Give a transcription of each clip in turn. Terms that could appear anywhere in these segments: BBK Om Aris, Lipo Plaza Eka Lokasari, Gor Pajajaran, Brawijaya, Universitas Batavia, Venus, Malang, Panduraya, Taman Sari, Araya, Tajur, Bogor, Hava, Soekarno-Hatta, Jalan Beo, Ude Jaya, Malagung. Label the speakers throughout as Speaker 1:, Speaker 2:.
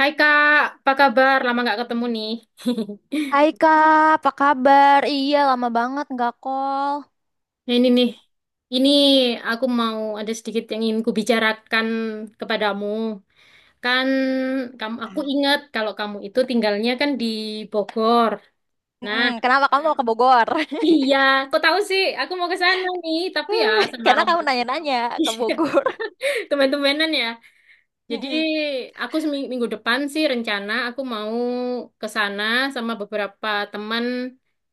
Speaker 1: Hai Kak, apa kabar? Lama nggak ketemu nih.
Speaker 2: Hai Kak, apa kabar? Iya, lama banget nggak call.
Speaker 1: Nah, ini nih, ini aku mau ada sedikit yang ingin kubicarakan kepadamu. Kan aku ingat kalau kamu itu tinggalnya kan di Bogor. Nah,
Speaker 2: Mm-mm, Kenapa kamu mau ke Bogor?
Speaker 1: iya, kok tahu sih? Aku mau ke sana nih, tapi ya sama
Speaker 2: Karena kamu
Speaker 1: rombongan.
Speaker 2: nanya-nanya ke Bogor.
Speaker 1: Teman-temanan ya. Jadi
Speaker 2: Mm-mm.
Speaker 1: aku minggu depan sih rencana aku mau ke sana sama beberapa teman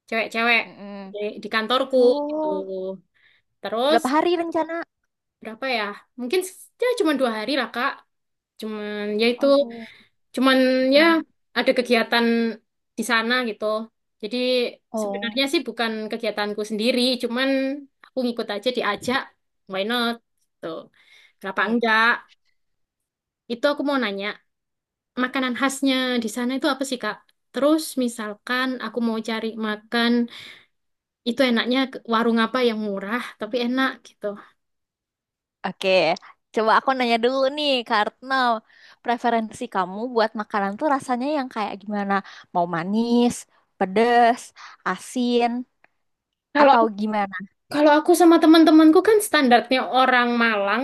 Speaker 1: cewek-cewek
Speaker 2: Mm-mm.
Speaker 1: di di kantorku gitu.
Speaker 2: Oh,
Speaker 1: Terus
Speaker 2: berapa hari rencana?
Speaker 1: berapa ya? Mungkin s- ya cuma dua hari lah Kak. Cuman ya itu
Speaker 2: Aduh.
Speaker 1: cuman ya
Speaker 2: Mm-mm.
Speaker 1: ada kegiatan di sana gitu. Jadi
Speaker 2: Oh,
Speaker 1: sebenarnya sih bukan kegiatanku sendiri, cuman aku ngikut aja diajak. Why not? Tuh. Kenapa
Speaker 2: Mm.
Speaker 1: enggak? Itu aku mau nanya, makanan khasnya di sana itu apa sih Kak? Terus misalkan aku mau cari makan, itu enaknya warung apa yang murah tapi enak gitu.
Speaker 2: Oke, coba aku nanya dulu nih, karena preferensi kamu buat makanan tuh rasanya yang kayak gimana? Mau manis, pedes, asin, atau gimana?
Speaker 1: Kalau aku sama teman-temanku kan standarnya orang Malang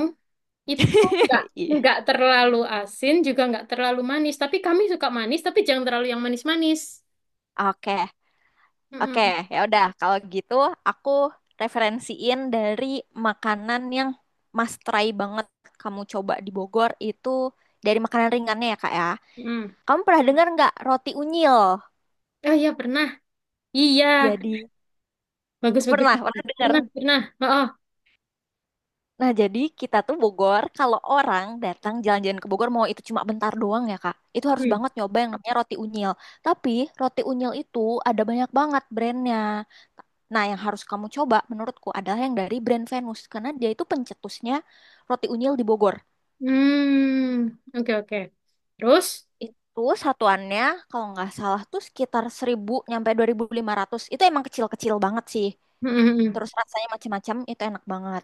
Speaker 1: itu nggak
Speaker 2: Iya.
Speaker 1: nggak terlalu asin juga nggak terlalu manis. Tapi kami suka manis tapi jangan terlalu yang manis-manis.
Speaker 2: Oke, Oke,
Speaker 1: Mm-mm,
Speaker 2: ya udah. Kalau gitu, aku referensiin dari makanan yang must try banget kamu coba di Bogor itu dari makanan ringannya ya, Kak ya.
Speaker 1: mm-mm.
Speaker 2: Kamu pernah dengar nggak roti unyil?
Speaker 1: Oh iya pernah. Iya
Speaker 2: Jadi
Speaker 1: bagus-bagus.
Speaker 2: pernah, pernah dengar.
Speaker 1: Pernah pernah. Oh, oh.
Speaker 2: Nah, jadi kita tuh Bogor, kalau orang datang jalan-jalan ke Bogor, mau itu cuma bentar doang ya, Kak. Itu harus
Speaker 1: Hmm.
Speaker 2: banget nyoba yang namanya roti unyil. Tapi roti unyil itu ada banyak banget brandnya. Nah, yang harus kamu coba menurutku adalah yang dari brand Venus. Karena dia itu pencetusnya roti unyil di Bogor.
Speaker 1: Hmm. Oke oke. Terus?
Speaker 2: Itu satuannya kalau nggak salah tuh sekitar 1.000 nyampe 2.500. Itu emang kecil-kecil banget sih.
Speaker 1: Mm-mm,
Speaker 2: terus rasanya macam-macam itu enak banget.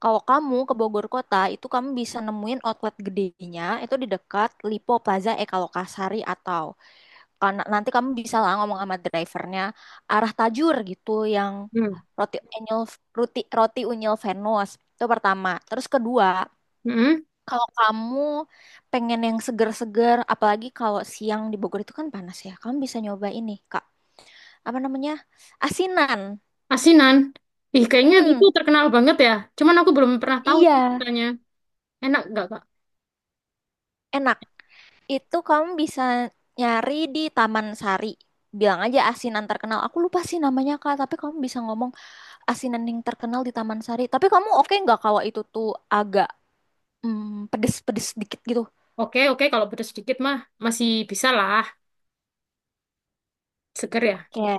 Speaker 2: Kalau kamu ke Bogor kota itu kamu bisa nemuin outlet gedenya itu di dekat Lipo Plaza Eka Lokasari atau karena nanti kamu bisa lah ngomong sama drivernya arah Tajur gitu yang
Speaker 1: mm-mm,
Speaker 2: roti unyil roti unyil Venus itu pertama. Terus kedua
Speaker 1: mm-mm.
Speaker 2: kalau kamu pengen yang seger-seger, apalagi kalau siang di Bogor itu kan panas ya, kamu bisa nyoba ini, Kak. Apa namanya? Asinan.
Speaker 1: Asinan. Ih kayaknya itu
Speaker 2: Mm,
Speaker 1: terkenal banget ya. Cuman aku belum pernah tahu
Speaker 2: iya,
Speaker 1: katanya. Enak nggak kak?
Speaker 2: enak. Itu kamu bisa nyari di Taman Sari. Bilang aja asinan terkenal. Aku lupa sih namanya Kak, tapi kamu bisa ngomong asinan yang terkenal di Taman Sari. Tapi kamu oke nggak kalau itu tuh agak pedes-pedes dikit gitu?
Speaker 1: Oke oke kalau pedas sedikit mah masih bisa lah. Seger ya?
Speaker 2: Kayak,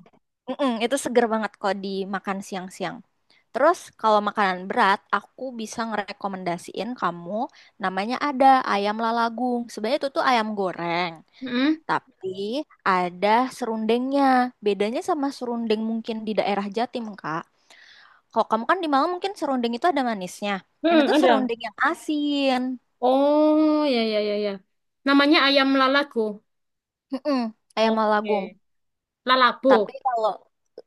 Speaker 2: Mm-mm, itu seger banget kalau dimakan siang-siang. Terus kalau makanan berat, aku bisa ngerekomendasiin kamu namanya ada ayam lalagung. Sebenarnya itu tuh ayam goreng.
Speaker 1: Mm.
Speaker 2: Tapi ada serundengnya. Bedanya sama serundeng mungkin di daerah Jatim, Kak. Kalau kamu kan di Malang mungkin serundeng itu ada manisnya. Ini
Speaker 1: Hmm,
Speaker 2: tuh
Speaker 1: ada.
Speaker 2: serundeng yang asin.
Speaker 1: Oh, ya, ya, ya, ya. Namanya ayam lalago.
Speaker 2: Mm-mm, ayam Malagung.
Speaker 1: Oke.
Speaker 2: Tapi
Speaker 1: Lalago.
Speaker 2: kalau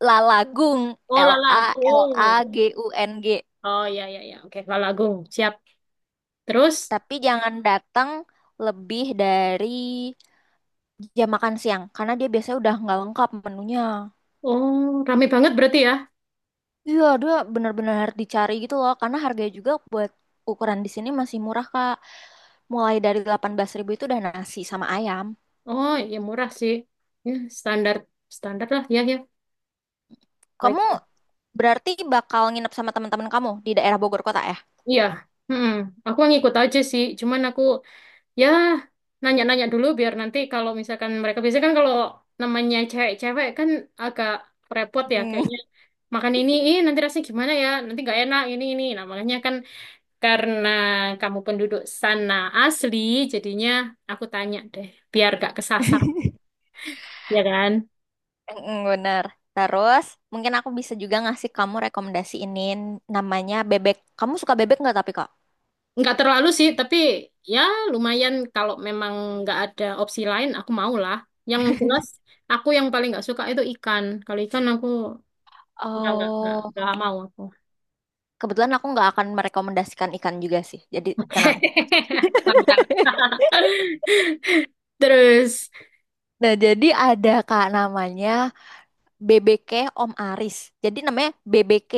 Speaker 2: lalagung,
Speaker 1: Oh,
Speaker 2: L A L A
Speaker 1: lalagung.
Speaker 2: G U N G.
Speaker 1: Oh, ya, ya, ya. Oke, lalagung. Siap. Terus,
Speaker 2: Tapi jangan datang lebih dari jam makan siang karena dia biasanya udah nggak lengkap menunya.
Speaker 1: oh, rame banget berarti ya?
Speaker 2: Iya, dia bener-bener harus dicari gitu loh karena harganya juga buat ukuran di sini masih murah, Kak. Mulai dari 18 ribu itu udah nasi sama ayam.
Speaker 1: Oh, ya murah sih. Ya, standar, standar lah. Ya, ya.
Speaker 2: Kamu
Speaker 1: Baik.
Speaker 2: berarti bakal nginep sama teman-teman kamu di daerah Bogor kota ya?
Speaker 1: Iya. Mm-mm. Aku ngikut aja sih. Cuman aku ya, nanya-nanya dulu biar nanti kalau misalkan mereka biasanya kan kalau namanya cewek-cewek kan agak repot ya
Speaker 2: Mm,
Speaker 1: kayaknya makan ini, ih nanti rasanya gimana ya, nanti nggak enak ini ini. Nah makanya kan karena kamu penduduk sana asli, jadinya aku tanya deh, biar gak kesasar, ya kan?
Speaker 2: Bener. Terus mungkin aku bisa juga ngasih kamu rekomendasi ini namanya bebek. Kamu suka bebek nggak tapi kok?
Speaker 1: Nggak terlalu sih, tapi ya lumayan kalau memang nggak ada opsi lain, aku mau lah. Yang jelas, aku yang paling nggak suka itu ikan. Kalau ikan aku
Speaker 2: Oh,
Speaker 1: nggak mau aku.
Speaker 2: kebetulan aku nggak akan merekomendasikan ikan juga sih. Jadi tenang.
Speaker 1: Mantap. Terus,
Speaker 2: Nah, jadi ada Kak namanya BBK Om Aris. Jadi namanya BBK,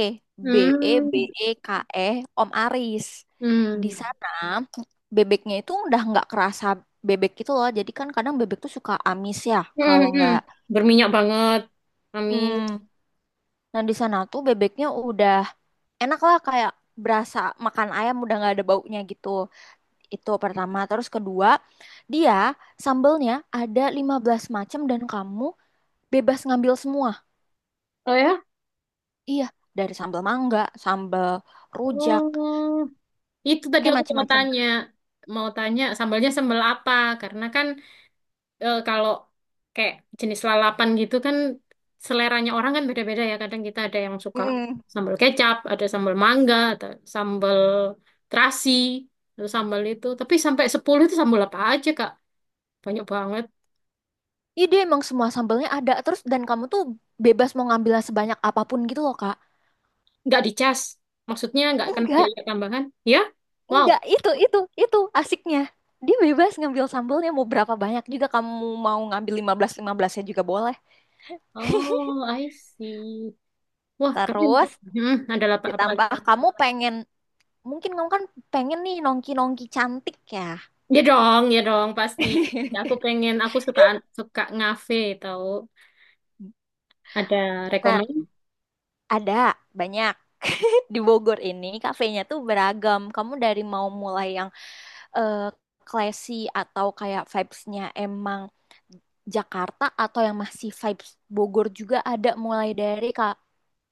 Speaker 2: B K, B E B
Speaker 1: hmm,
Speaker 2: E K E Om Aris. Di
Speaker 1: hmm,
Speaker 2: sana bebeknya itu udah nggak kerasa bebek itu loh. Jadi kan kadang bebek tuh suka amis ya,
Speaker 1: hmm,
Speaker 2: kalau
Speaker 1: hmm.
Speaker 2: nggak.
Speaker 1: Berminyak banget. Amin.
Speaker 2: Hmm, nah di sana tuh bebeknya udah enak lah kayak berasa makan ayam udah nggak ada baunya gitu. Itu pertama. Terus kedua, dia sambelnya ada 15 macam dan kamu bebas ngambil semua.
Speaker 1: Oh ya?
Speaker 2: Iya, dari sambal mangga, sambal rujak,
Speaker 1: Oh, itu tadi
Speaker 2: kayak
Speaker 1: aku mau
Speaker 2: macam-macam.
Speaker 1: tanya. Mau tanya sambalnya sambal apa? Karena kan eh, kalau kayak jenis lalapan gitu kan seleranya orang kan beda-beda ya. Kadang kita ada yang suka
Speaker 2: Mm-mm.
Speaker 1: sambal kecap, ada sambal mangga, atau sambal terasi, atau sambal itu. Tapi sampai 10 itu sambal apa aja, Kak? Banyak banget.
Speaker 2: Iya, dia emang semua sambelnya ada terus dan kamu tuh bebas mau ngambil sebanyak apapun gitu loh, Kak.
Speaker 1: Nggak dicas. Maksudnya nggak kena
Speaker 2: Enggak,
Speaker 1: biaya tambahan. Ya? Wow.
Speaker 2: enggak, itu asiknya. Dia bebas ngambil sambelnya mau berapa banyak juga kamu mau ngambil 15 15-nya-nya juga boleh.
Speaker 1: Oh, I see. Wah, keren.
Speaker 2: Terus
Speaker 1: Hmm, ada apa, apa lagi?
Speaker 2: ditambah kamu pengen mungkin kamu kan pengen nih nongki-nongki cantik ya.
Speaker 1: Ya dong, pasti. Ya, aku pengen, aku suka suka ngafe tau. Ada
Speaker 2: Nah,
Speaker 1: rekomend?
Speaker 2: ada banyak. Di Bogor ini kafenya tuh beragam. Kamu dari mau mulai yang eh classy atau kayak vibes-nya emang Jakarta atau yang masih vibes Bogor juga ada mulai dari kak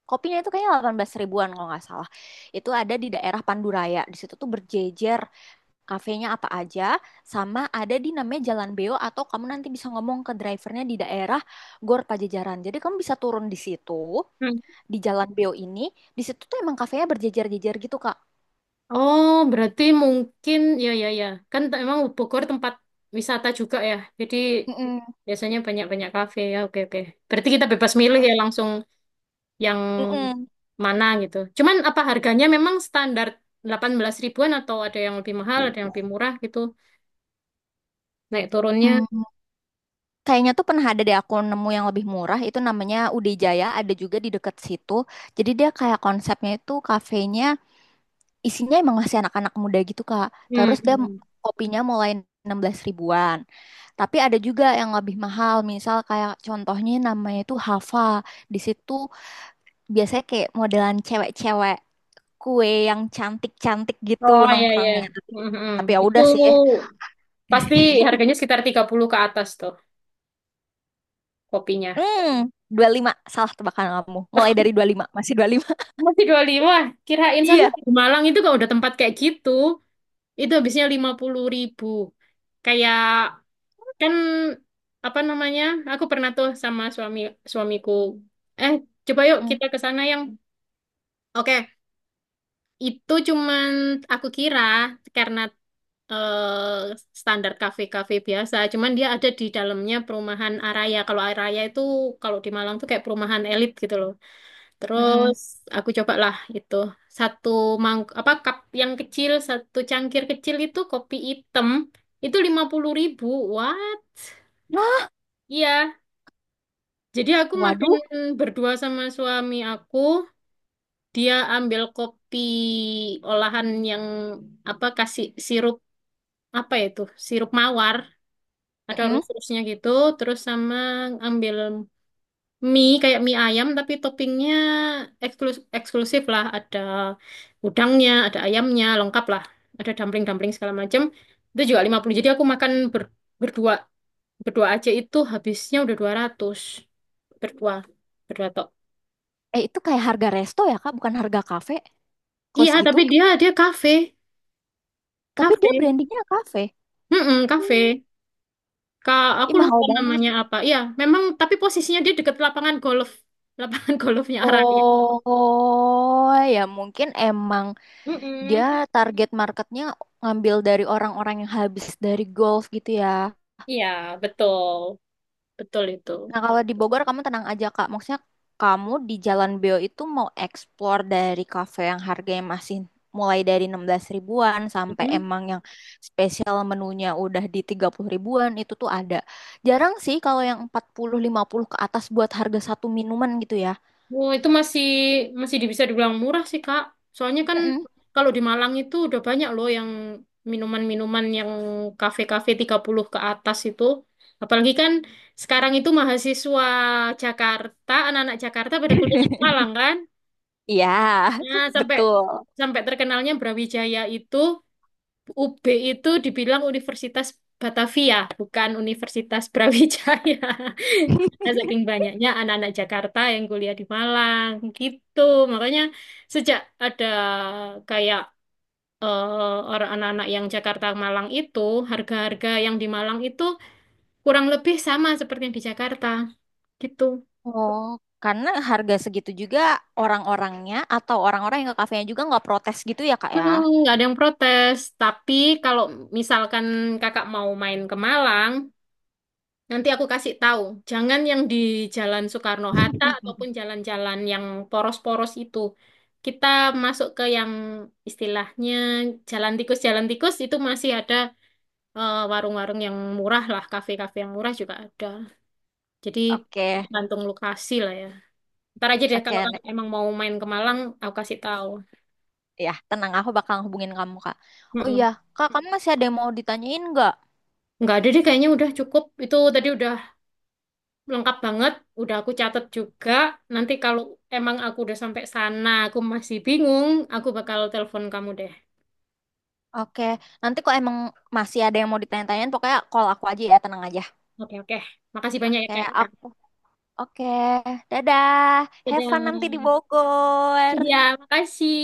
Speaker 2: kopinya itu kayaknya 18 ribuan kalau nggak salah itu ada di daerah Panduraya di situ tuh berjejer kafenya apa aja sama ada di namanya Jalan Beo atau kamu nanti bisa ngomong ke drivernya di daerah Gor Pajajaran jadi kamu bisa turun di situ
Speaker 1: Hmm.
Speaker 2: di Jalan Beo ini di situ tuh emang kafenya berjejer-jejer gitu kak.
Speaker 1: Oh, berarti mungkin, ya, ya, ya. Kan t- emang Bogor tempat wisata juga ya. Jadi
Speaker 2: Mm-mm.
Speaker 1: biasanya banyak-banyak kafe. Ya, oke, oke. Berarti kita bebas milih ya langsung, yang mana gitu. Cuman apa harganya memang standar 18 ribuan atau ada yang lebih mahal, ada yang lebih murah gitu. Naik turunnya.
Speaker 2: Mm-mm. Kayaknya tuh pernah ada deh aku nemu yang lebih murah itu namanya Ude Jaya ada juga di dekat situ. Jadi dia kayak konsepnya itu kafenya isinya emang masih anak-anak muda gitu Kak.
Speaker 1: Hmm.
Speaker 2: Terus dia
Speaker 1: Hmm.
Speaker 2: kopinya mulai 16 ribuan. Tapi ada juga yang lebih mahal misal kayak contohnya namanya itu Hava. Di situ biasanya kayak modelan cewek-cewek kue yang cantik-cantik gitu
Speaker 1: Oh iya iya.
Speaker 2: nongkrongnya. Tapi,
Speaker 1: Hmm, hmm.
Speaker 2: tapi ya
Speaker 1: Itu
Speaker 2: udah sih.
Speaker 1: pasti harganya sekitar 30 ke atas tuh kopinya.
Speaker 2: Hmm, 25 salah tebakan kamu. Mulai dari dua puluh lima, masih dua puluh lima
Speaker 1: Masih 25, kirain soalnya
Speaker 2: Iya.
Speaker 1: di Malang itu kalau udah tempat kayak gitu, itu habisnya 50 ribu. Kayak kan apa namanya? Aku pernah tuh sama suamiku. Eh, coba yuk
Speaker 2: Mm,
Speaker 1: kita ke sana yang oke, itu cuman aku kira karena eh, standar kafe-kafe biasa, cuman dia ada di dalamnya perumahan Araya. Kalau Araya itu kalau di Malang tuh kayak perumahan elit gitu loh.
Speaker 2: mm-mm.
Speaker 1: Terus aku cobalah itu satu apa cup yang kecil, satu cangkir kecil itu kopi hitam itu 50 ribu. What?
Speaker 2: Nah,
Speaker 1: Iya. Jadi aku makan
Speaker 2: waduh.
Speaker 1: berdua sama suami aku, dia ambil kopi olahan yang apa kasih sirup apa ya itu? Sirup mawar, ada
Speaker 2: Mm-mm.
Speaker 1: rus-rusnya gitu, terus sama ambil mie kayak mie ayam tapi toppingnya eksklusif, eksklusif lah, ada udangnya, ada ayamnya, lengkap lah. Ada dumpling-dumpling segala macam. Itu juga 50. Jadi aku makan ber- berdua berdua aja itu habisnya udah 200. Berdua, berdua tok.
Speaker 2: Eh, itu kayak harga resto ya, Kak? Bukan harga kafe. Kos
Speaker 1: Iya,
Speaker 2: gitu.
Speaker 1: tapi dia dia kafe,
Speaker 2: Tapi
Speaker 1: kafe.
Speaker 2: dia brandingnya kafe.
Speaker 1: Mm-mm,
Speaker 2: Oh,
Speaker 1: kafe. Kak, aku
Speaker 2: Ih, mahal
Speaker 1: lupa
Speaker 2: banget.
Speaker 1: namanya apa. Iya, memang tapi posisinya dia deket lapangan golf. Lapangan golfnya Araya.
Speaker 2: Oh, ya mungkin emang dia
Speaker 1: Mm-mm.
Speaker 2: target marketnya ngambil dari orang-orang yang habis dari golf gitu ya.
Speaker 1: Iya, betul. Betul itu.
Speaker 2: Nah, kalau di Bogor kamu tenang aja, Kak. Maksudnya kamu di Jalan Beo itu mau explore dari kafe yang harganya masih mulai dari 16 ribuan sampai
Speaker 1: Mm.
Speaker 2: emang yang spesial menunya udah di 30 ribuan itu tuh ada. Jarang sih kalau yang 40 50 ke atas buat harga satu minuman gitu ya.
Speaker 1: Oh, itu masih masih bisa dibilang murah sih, Kak. Soalnya kan
Speaker 2: Mm-mm.
Speaker 1: kalau di Malang itu udah banyak loh yang minuman-minuman yang kafe-kafe 30 ke atas itu. Apalagi kan sekarang itu mahasiswa Jakarta, anak-anak Jakarta pada kuliah di Malang kan.
Speaker 2: Iya,
Speaker 1: Nah, sampai
Speaker 2: betul.
Speaker 1: sampai terkenalnya Brawijaya itu UB itu dibilang Universitas Batavia, bukan Universitas Brawijaya. Karena saking banyaknya anak-anak Jakarta yang kuliah di Malang, gitu. Makanya sejak ada kayak eh, orang anak-anak yang Jakarta Malang itu, harga-harga yang di Malang itu kurang lebih sama seperti yang di Jakarta, gitu.
Speaker 2: Oh, karena harga segitu juga orang-orangnya atau orang-orang yang ke kafenya juga nggak protes gitu ya, Kak ya?
Speaker 1: Hmm, nggak ada yang protes. Tapi kalau misalkan kakak mau main ke Malang, nanti aku kasih tahu. Jangan yang di Jalan Soekarno-Hatta ataupun jalan-jalan yang poros-poros itu. Kita masuk ke yang istilahnya jalan tikus itu masih ada eh, warung-warung yang murah lah, kafe-kafe yang murah juga ada. Jadi
Speaker 2: Oke,
Speaker 1: tergantung lokasi lah ya. Ntar aja deh kalau kamu
Speaker 2: oke.
Speaker 1: emang mau main ke Malang, aku kasih tahu.
Speaker 2: Ya, tenang, aku bakal hubungin kamu, Kak. Oh iya,
Speaker 1: Mm-mm.
Speaker 2: Kak, kamu masih ada yang mau ditanyain nggak?
Speaker 1: Nggak ada deh kayaknya udah cukup. Itu tadi udah lengkap banget, udah aku catat juga. Nanti kalau emang aku udah sampai sana, aku masih bingung, aku bakal telepon kamu deh.
Speaker 2: Oke, nanti kok emang masih ada yang mau ditanya-tanyain, pokoknya call aku aja ya, tenang aja.
Speaker 1: Oke, oke. Makasih banyak ya,
Speaker 2: Oke,
Speaker 1: Kak.
Speaker 2: aku. Oke, dadah. Have fun
Speaker 1: Dadah.
Speaker 2: nanti di Bogor.
Speaker 1: Ya, makasih.